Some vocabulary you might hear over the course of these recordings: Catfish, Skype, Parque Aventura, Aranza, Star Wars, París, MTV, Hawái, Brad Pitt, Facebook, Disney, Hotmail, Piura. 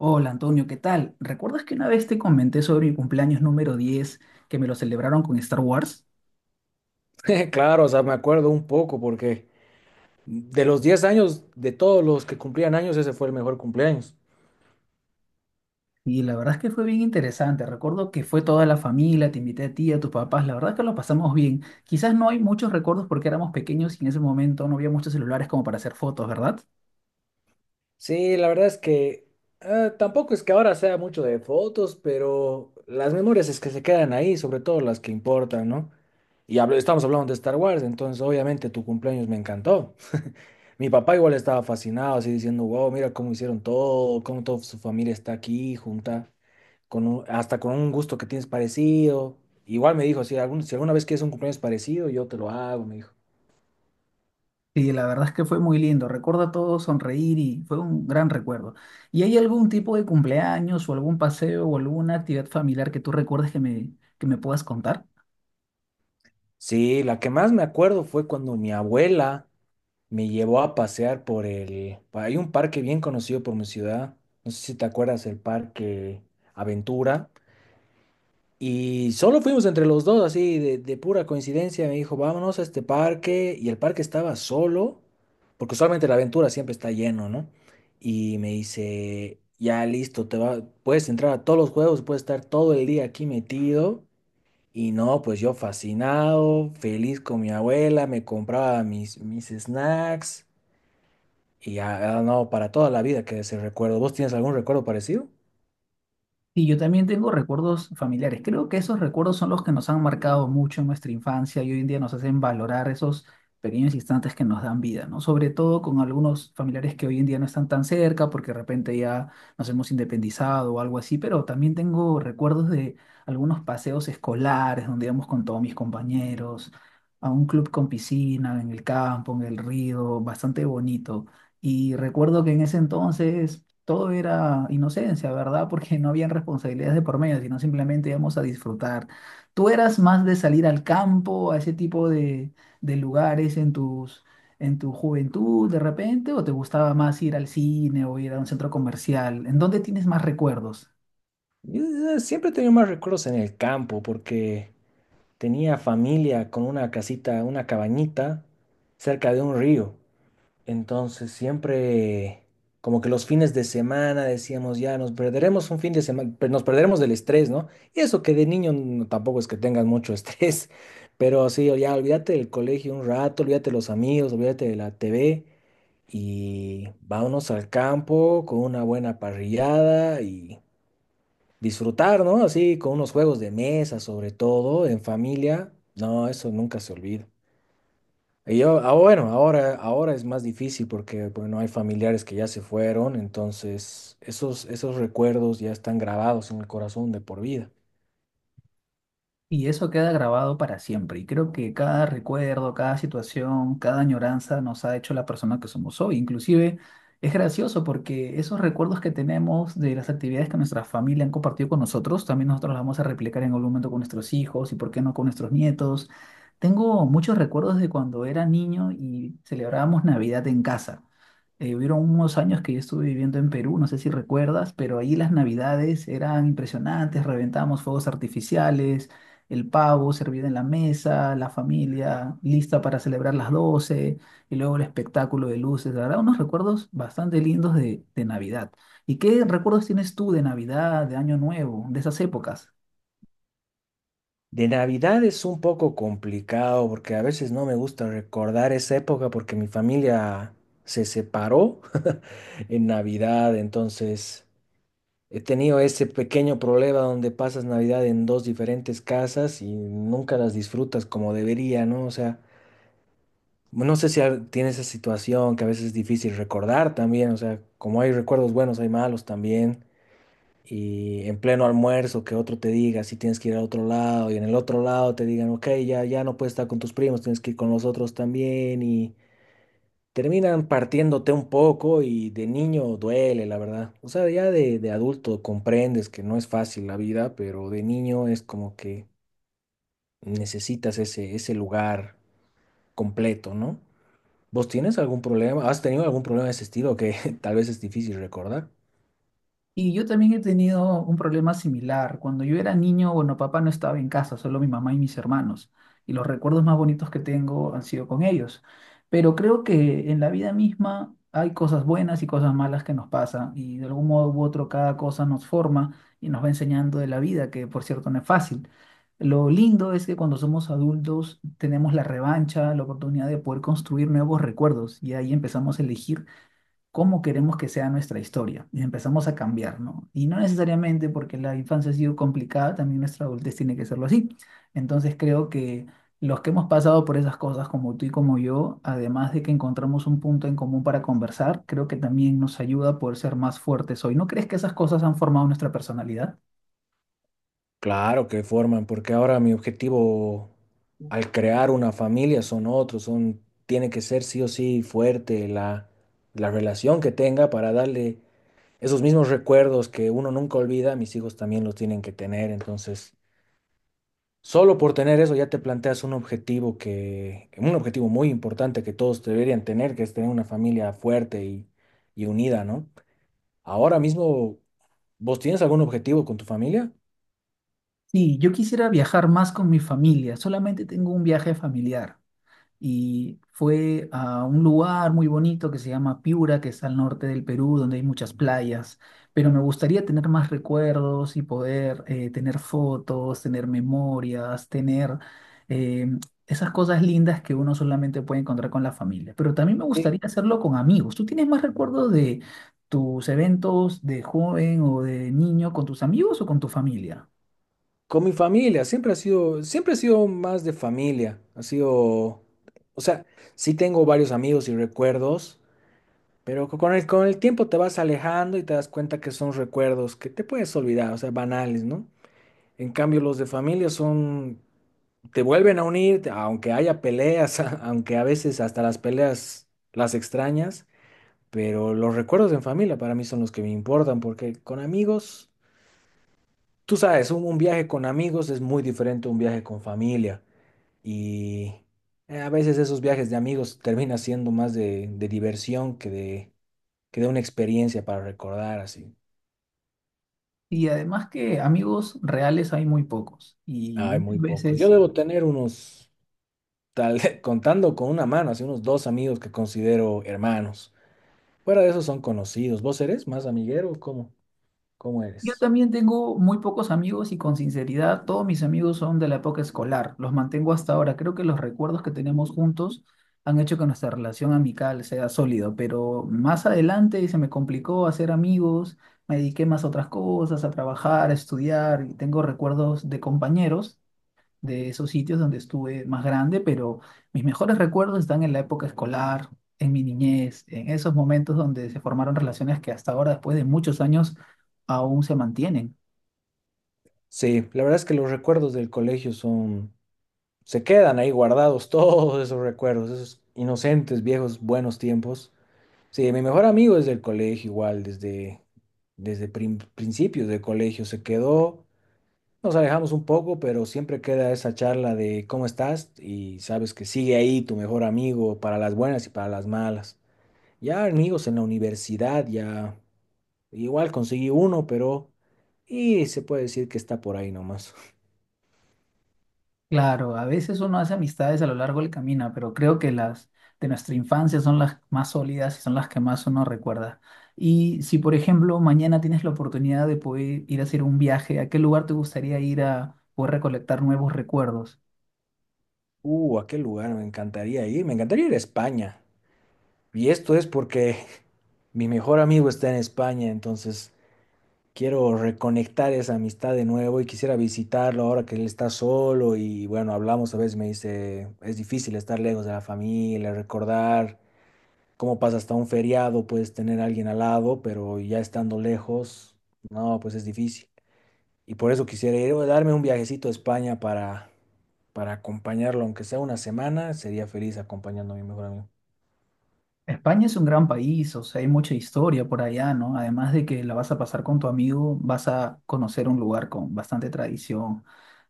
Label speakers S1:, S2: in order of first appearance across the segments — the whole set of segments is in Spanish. S1: Hola Antonio, ¿qué tal? ¿Recuerdas que una vez te comenté sobre mi cumpleaños número 10, que me lo celebraron con Star Wars?
S2: Claro, o sea, me acuerdo un poco porque de los 10 años, de todos los que cumplían años, ese fue el mejor cumpleaños.
S1: Y la verdad es que fue bien interesante. Recuerdo que fue toda la familia, te invité a ti, a tus papás. La verdad es que lo pasamos bien. Quizás no hay muchos recuerdos porque éramos pequeños y en ese momento no había muchos celulares como para hacer fotos, ¿verdad?
S2: Sí, la verdad es que tampoco es que ahora sea mucho de fotos, pero las memorias es que se quedan ahí, sobre todo las que importan, ¿no? Estamos hablando de Star Wars, entonces obviamente tu cumpleaños me encantó. Mi papá igual estaba fascinado, así diciendo, wow, mira cómo hicieron todo, cómo toda su familia está aquí junta. Hasta con un gusto que tienes parecido. Igual me dijo, si si alguna vez quieres un cumpleaños parecido, yo te lo hago, me dijo.
S1: Sí, la verdad es que fue muy lindo. Recuerdo a todos sonreír y fue un gran recuerdo. ¿Y hay algún tipo de cumpleaños o algún paseo o alguna actividad familiar que tú recuerdes que me puedas contar?
S2: Sí, la que más me acuerdo fue cuando mi abuela me llevó a pasear por hay un parque bien conocido por mi ciudad, no sé si te acuerdas, el Parque Aventura. Y solo fuimos entre los dos, así de pura coincidencia. Me dijo, vámonos a este parque. Y el parque estaba solo, porque usualmente la aventura siempre está lleno, ¿no? Y me dice, ya listo, te va, puedes entrar a todos los juegos, puedes estar todo el día aquí metido. Y no, pues yo fascinado, feliz con mi abuela, me compraba mis snacks. Y ya, ah, no, para toda la vida que ese recuerdo. ¿Vos tienes algún recuerdo parecido?
S1: Y yo también tengo recuerdos familiares. Creo que esos recuerdos son los que nos han marcado mucho en nuestra infancia y hoy en día nos hacen valorar esos pequeños instantes que nos dan vida, ¿no? Sobre todo con algunos familiares que hoy en día no están tan cerca porque de repente ya nos hemos independizado o algo así, pero también tengo recuerdos de algunos paseos escolares donde íbamos con todos mis compañeros a un club con piscina, en el campo, en el río, bastante bonito. Y recuerdo que en ese entonces todo era inocencia, ¿verdad? Porque no habían responsabilidades de por medio, sino simplemente íbamos a disfrutar. ¿Tú eras más de salir al campo, a ese tipo de lugares en en tu juventud de repente, o te gustaba más ir al cine o ir a un centro comercial? ¿En dónde tienes más recuerdos?
S2: Yo siempre he tenido más recuerdos en el campo, porque tenía familia con una casita, una cabañita cerca de un río. Entonces siempre, como que los fines de semana decíamos, ya nos perderemos un fin de semana, nos perderemos del estrés, ¿no? Y eso que de niño tampoco es que tengas mucho estrés, pero sí, ya olvídate del colegio un rato, olvídate de los amigos, olvídate de la TV y vámonos al campo con una buena parrillada y disfrutar, ¿no? Así con unos juegos de mesa, sobre todo, en familia. No, eso nunca se olvida. Y yo, ah, bueno, ahora es más difícil porque, bueno, hay familiares que ya se fueron, entonces esos recuerdos ya están grabados en el corazón de por vida.
S1: Y eso queda grabado para siempre. Y creo que cada recuerdo, cada situación, cada añoranza nos ha hecho la persona que somos hoy. Inclusive es gracioso porque esos recuerdos que tenemos de las actividades que nuestra familia han compartido con nosotros, también nosotros las vamos a replicar en algún momento con nuestros hijos y por qué no con nuestros nietos. Tengo muchos recuerdos de cuando era niño y celebrábamos Navidad en casa. Hubieron unos años que yo estuve viviendo en Perú, no sé si recuerdas, pero ahí las navidades eran impresionantes, reventábamos fuegos artificiales, el pavo servido en la mesa, la familia lista para celebrar las 12 y luego el espectáculo de luces, la verdad, unos recuerdos bastante lindos de Navidad. ¿Y qué recuerdos tienes tú de Navidad, de Año Nuevo, de esas épocas?
S2: De Navidad es un poco complicado porque a veces no me gusta recordar esa época porque mi familia se separó en Navidad, entonces... He tenido ese pequeño problema donde pasas Navidad en dos diferentes casas y nunca las disfrutas como debería, ¿no? O sea, no sé si tienes esa situación que a veces es difícil recordar también, o sea, como hay recuerdos buenos, hay malos también. Y en pleno almuerzo que otro te diga si tienes que ir a otro lado y en el otro lado te digan, ok, ya, ya no puedes estar con tus primos, tienes que ir con los otros también terminan partiéndote un poco y de niño duele, la verdad. O sea, ya de adulto comprendes que no es fácil la vida, pero de niño es como que necesitas ese lugar completo, ¿no? ¿Vos tienes algún problema? ¿Has tenido algún problema de ese estilo que tal vez es difícil recordar?
S1: Y yo también he tenido un problema similar. Cuando yo era niño, bueno, papá no estaba en casa, solo mi mamá y mis hermanos. Y los recuerdos más bonitos que tengo han sido con ellos. Pero creo que en la vida misma hay cosas buenas y cosas malas que nos pasan. Y de algún modo u otro cada cosa nos forma y nos va enseñando de la vida, que por cierto no es fácil. Lo lindo es que cuando somos adultos tenemos la revancha, la oportunidad de poder construir nuevos recuerdos. Y ahí empezamos a elegir cómo queremos que sea nuestra historia y empezamos a cambiar, ¿no? Y no necesariamente porque la infancia ha sido complicada, también nuestra adultez tiene que serlo así. Entonces creo que los que hemos pasado por esas cosas, como tú y como yo, además de que encontramos un punto en común para conversar, creo que también nos ayuda a poder ser más fuertes hoy. ¿No crees que esas cosas han formado nuestra personalidad?
S2: Claro que forman, porque ahora mi objetivo al crear una familia son otros, son, tiene que ser sí o sí fuerte la relación que tenga para darle esos mismos recuerdos que uno nunca olvida, mis hijos también los tienen que tener. Entonces, solo por tener eso ya te planteas un objetivo un objetivo muy importante que todos deberían tener, que es tener una familia fuerte y unida, ¿no? Ahora mismo, ¿vos tienes algún objetivo con tu familia?
S1: Sí, yo quisiera viajar más con mi familia, solamente tengo un viaje familiar. Y fue a un lugar muy bonito que se llama Piura, que está al norte del Perú, donde hay muchas playas, pero me gustaría tener más recuerdos y poder tener fotos, tener memorias, tener eh, esas cosas lindas que uno solamente puede encontrar con la familia. Pero también me
S2: Sí,
S1: gustaría hacerlo con amigos. ¿Tú tienes más recuerdos de tus eventos de joven o de niño con tus amigos o con tu familia?
S2: con mi familia, siempre ha sido más de familia, ha sido, o sea, sí tengo varios amigos y recuerdos, pero con el tiempo te vas alejando y te das cuenta que son recuerdos que te puedes olvidar, o sea, banales, ¿no? En cambio, los de familia son, te vuelven a unir, aunque haya peleas, aunque a veces hasta las peleas las extrañas, pero los recuerdos en familia para mí son los que me importan, porque con amigos, tú sabes, un viaje con amigos es muy diferente a un viaje con familia. Y a veces esos viajes de amigos terminan siendo más de diversión que de que dé una experiencia para recordar así.
S1: Y además que amigos reales hay muy pocos y
S2: Hay
S1: muchas
S2: muy pocos. Yo
S1: veces
S2: debo tener unos, tal, contando con una mano, así unos dos amigos que considero hermanos. Fuera de eso son conocidos. ¿Vos eres más amiguero? ¿O cómo? ¿Cómo
S1: yo
S2: eres?
S1: también tengo muy pocos amigos y con sinceridad, todos mis amigos son de la época escolar, los mantengo hasta ahora. Creo que los recuerdos que tenemos juntos han hecho que nuestra relación amical sea sólida, pero más adelante se me complicó hacer amigos, me dediqué más a otras cosas, a trabajar, a estudiar y tengo recuerdos de compañeros de esos sitios donde estuve más grande, pero mis mejores recuerdos están en la época escolar, en mi niñez, en esos momentos donde se formaron relaciones que hasta ahora, después de muchos años, aún se mantienen.
S2: Sí, la verdad es que los recuerdos del colegio son, se quedan ahí guardados todos esos recuerdos, esos inocentes, viejos, buenos tiempos. Sí, mi mejor amigo desde el colegio igual, desde, desde principios del colegio se quedó. Nos alejamos un poco, pero siempre queda esa charla de cómo estás y sabes que sigue ahí tu mejor amigo para las buenas y para las malas. Ya amigos en la universidad, ya igual conseguí uno, pero y se puede decir que está por ahí nomás.
S1: Claro, a veces uno hace amistades a lo largo del camino, pero creo que las de nuestra infancia son las más sólidas y son las que más uno recuerda. Y si, por ejemplo, mañana tienes la oportunidad de poder ir a hacer un viaje, ¿a qué lugar te gustaría ir a poder recolectar nuevos recuerdos?
S2: ¿A qué lugar me encantaría ir? Me encantaría ir a España. Y esto es porque mi mejor amigo está en España, entonces quiero reconectar esa amistad de nuevo y quisiera visitarlo ahora que él está solo y bueno, hablamos a veces, me dice, es difícil estar lejos de la familia, recordar cómo pasa hasta un feriado, puedes tener a alguien al lado, pero ya estando lejos, no, pues es difícil. Y por eso quisiera ir, o darme un viajecito a España para acompañarlo, aunque sea una semana, sería feliz acompañando a mi mejor amigo.
S1: España es un gran país, o sea, hay mucha historia por allá, ¿no? Además de que la vas a pasar con tu amigo, vas a conocer un lugar con bastante tradición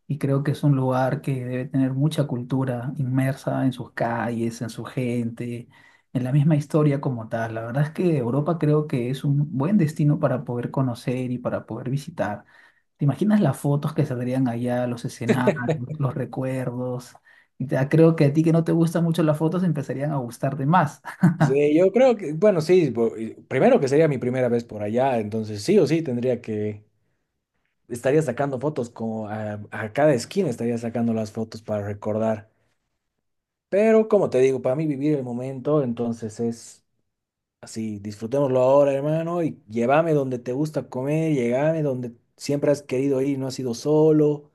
S1: y creo que es un lugar que debe tener mucha cultura inmersa en sus calles, en su gente, en la misma historia como tal. La verdad es que Europa creo que es un buen destino para poder conocer y para poder visitar. ¿Te imaginas las fotos que saldrían allá, los escenarios, los recuerdos? Y creo que a ti que no te gustan mucho las fotos empezarían a gustarte más.
S2: Sí, yo creo que, bueno, sí, y primero que sería mi primera vez por allá, entonces sí o sí tendría que estaría sacando fotos como a cada esquina estaría sacando las fotos para recordar. Pero como te digo, para mí vivir el momento, entonces es así, disfrutémoslo ahora, hermano, y llévame donde te gusta comer, llévame donde siempre has querido ir, y no has ido solo.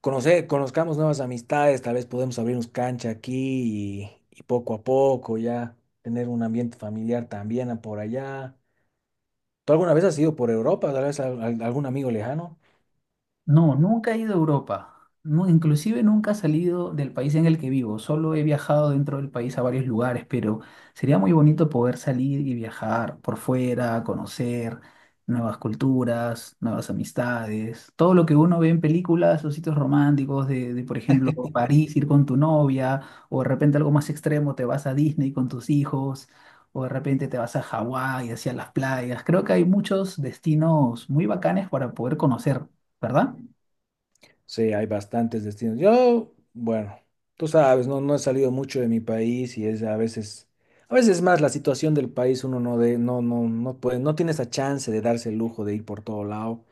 S2: Conocer, conozcamos nuevas amistades, tal vez podemos abrirnos cancha aquí y poco a poco ya tener un ambiente familiar también a por allá. ¿Tú alguna vez has ido por Europa? ¿Tal vez algún amigo lejano?
S1: No, nunca he ido a Europa. No, inclusive nunca he salido del país en el que vivo. Solo he viajado dentro del país a varios lugares, pero sería muy bonito poder salir y viajar por fuera, conocer nuevas culturas, nuevas amistades, todo lo que uno ve en películas o sitios románticos por ejemplo, París, ir con tu novia, o de repente algo más extremo, te vas a Disney con tus hijos, o de repente te vas a Hawái, hacia las playas. Creo que hay muchos destinos muy bacanes para poder conocer, ¿verdad?
S2: Sí, hay bastantes destinos. Yo, bueno, tú sabes, no, no he salido mucho de mi país y es a veces más la situación del país, uno no no, no puede, no tiene esa chance de darse el lujo de ir por todo lado.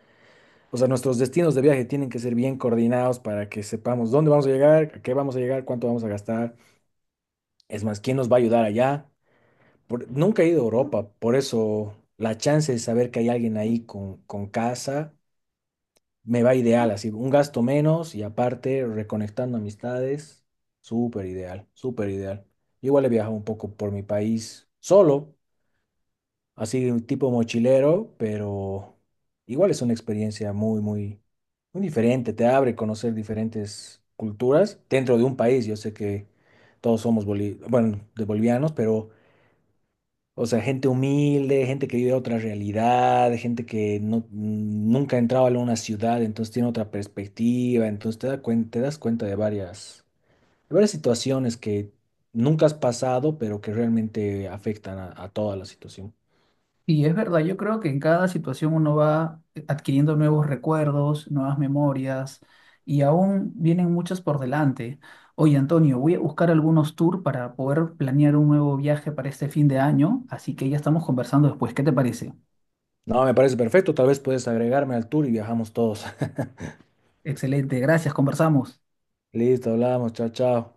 S2: O sea, nuestros destinos de viaje tienen que ser bien coordinados para que sepamos dónde vamos a llegar, a qué vamos a llegar, cuánto vamos a gastar. Es más, ¿quién nos va a ayudar allá? Nunca he ido a Europa, por eso la chance de saber que hay alguien ahí con casa me va ideal, así, un gasto menos y aparte reconectando amistades, súper ideal, súper ideal. Yo igual he viajado un poco por mi país solo, así un tipo mochilero, pero igual es una experiencia muy, muy, muy diferente, te abre conocer diferentes culturas dentro de un país. Yo sé que todos somos bueno, de bolivianos, pero o sea, gente humilde, gente que vive otra realidad, gente que no, nunca ha entrado a una ciudad, entonces tiene otra perspectiva, entonces te da te das cuenta de varias situaciones que nunca has pasado, pero que realmente afectan a toda la situación.
S1: Y es verdad, yo creo que en cada situación uno va adquiriendo nuevos recuerdos, nuevas memorias y aún vienen muchas por delante. Oye, Antonio, voy a buscar algunos tours para poder planear un nuevo viaje para este fin de año, así que ya estamos conversando después. ¿Qué te parece?
S2: No, me parece perfecto, tal vez puedes agregarme al tour y viajamos todos.
S1: Excelente, gracias, conversamos.
S2: Listo, hablamos, chao, chao.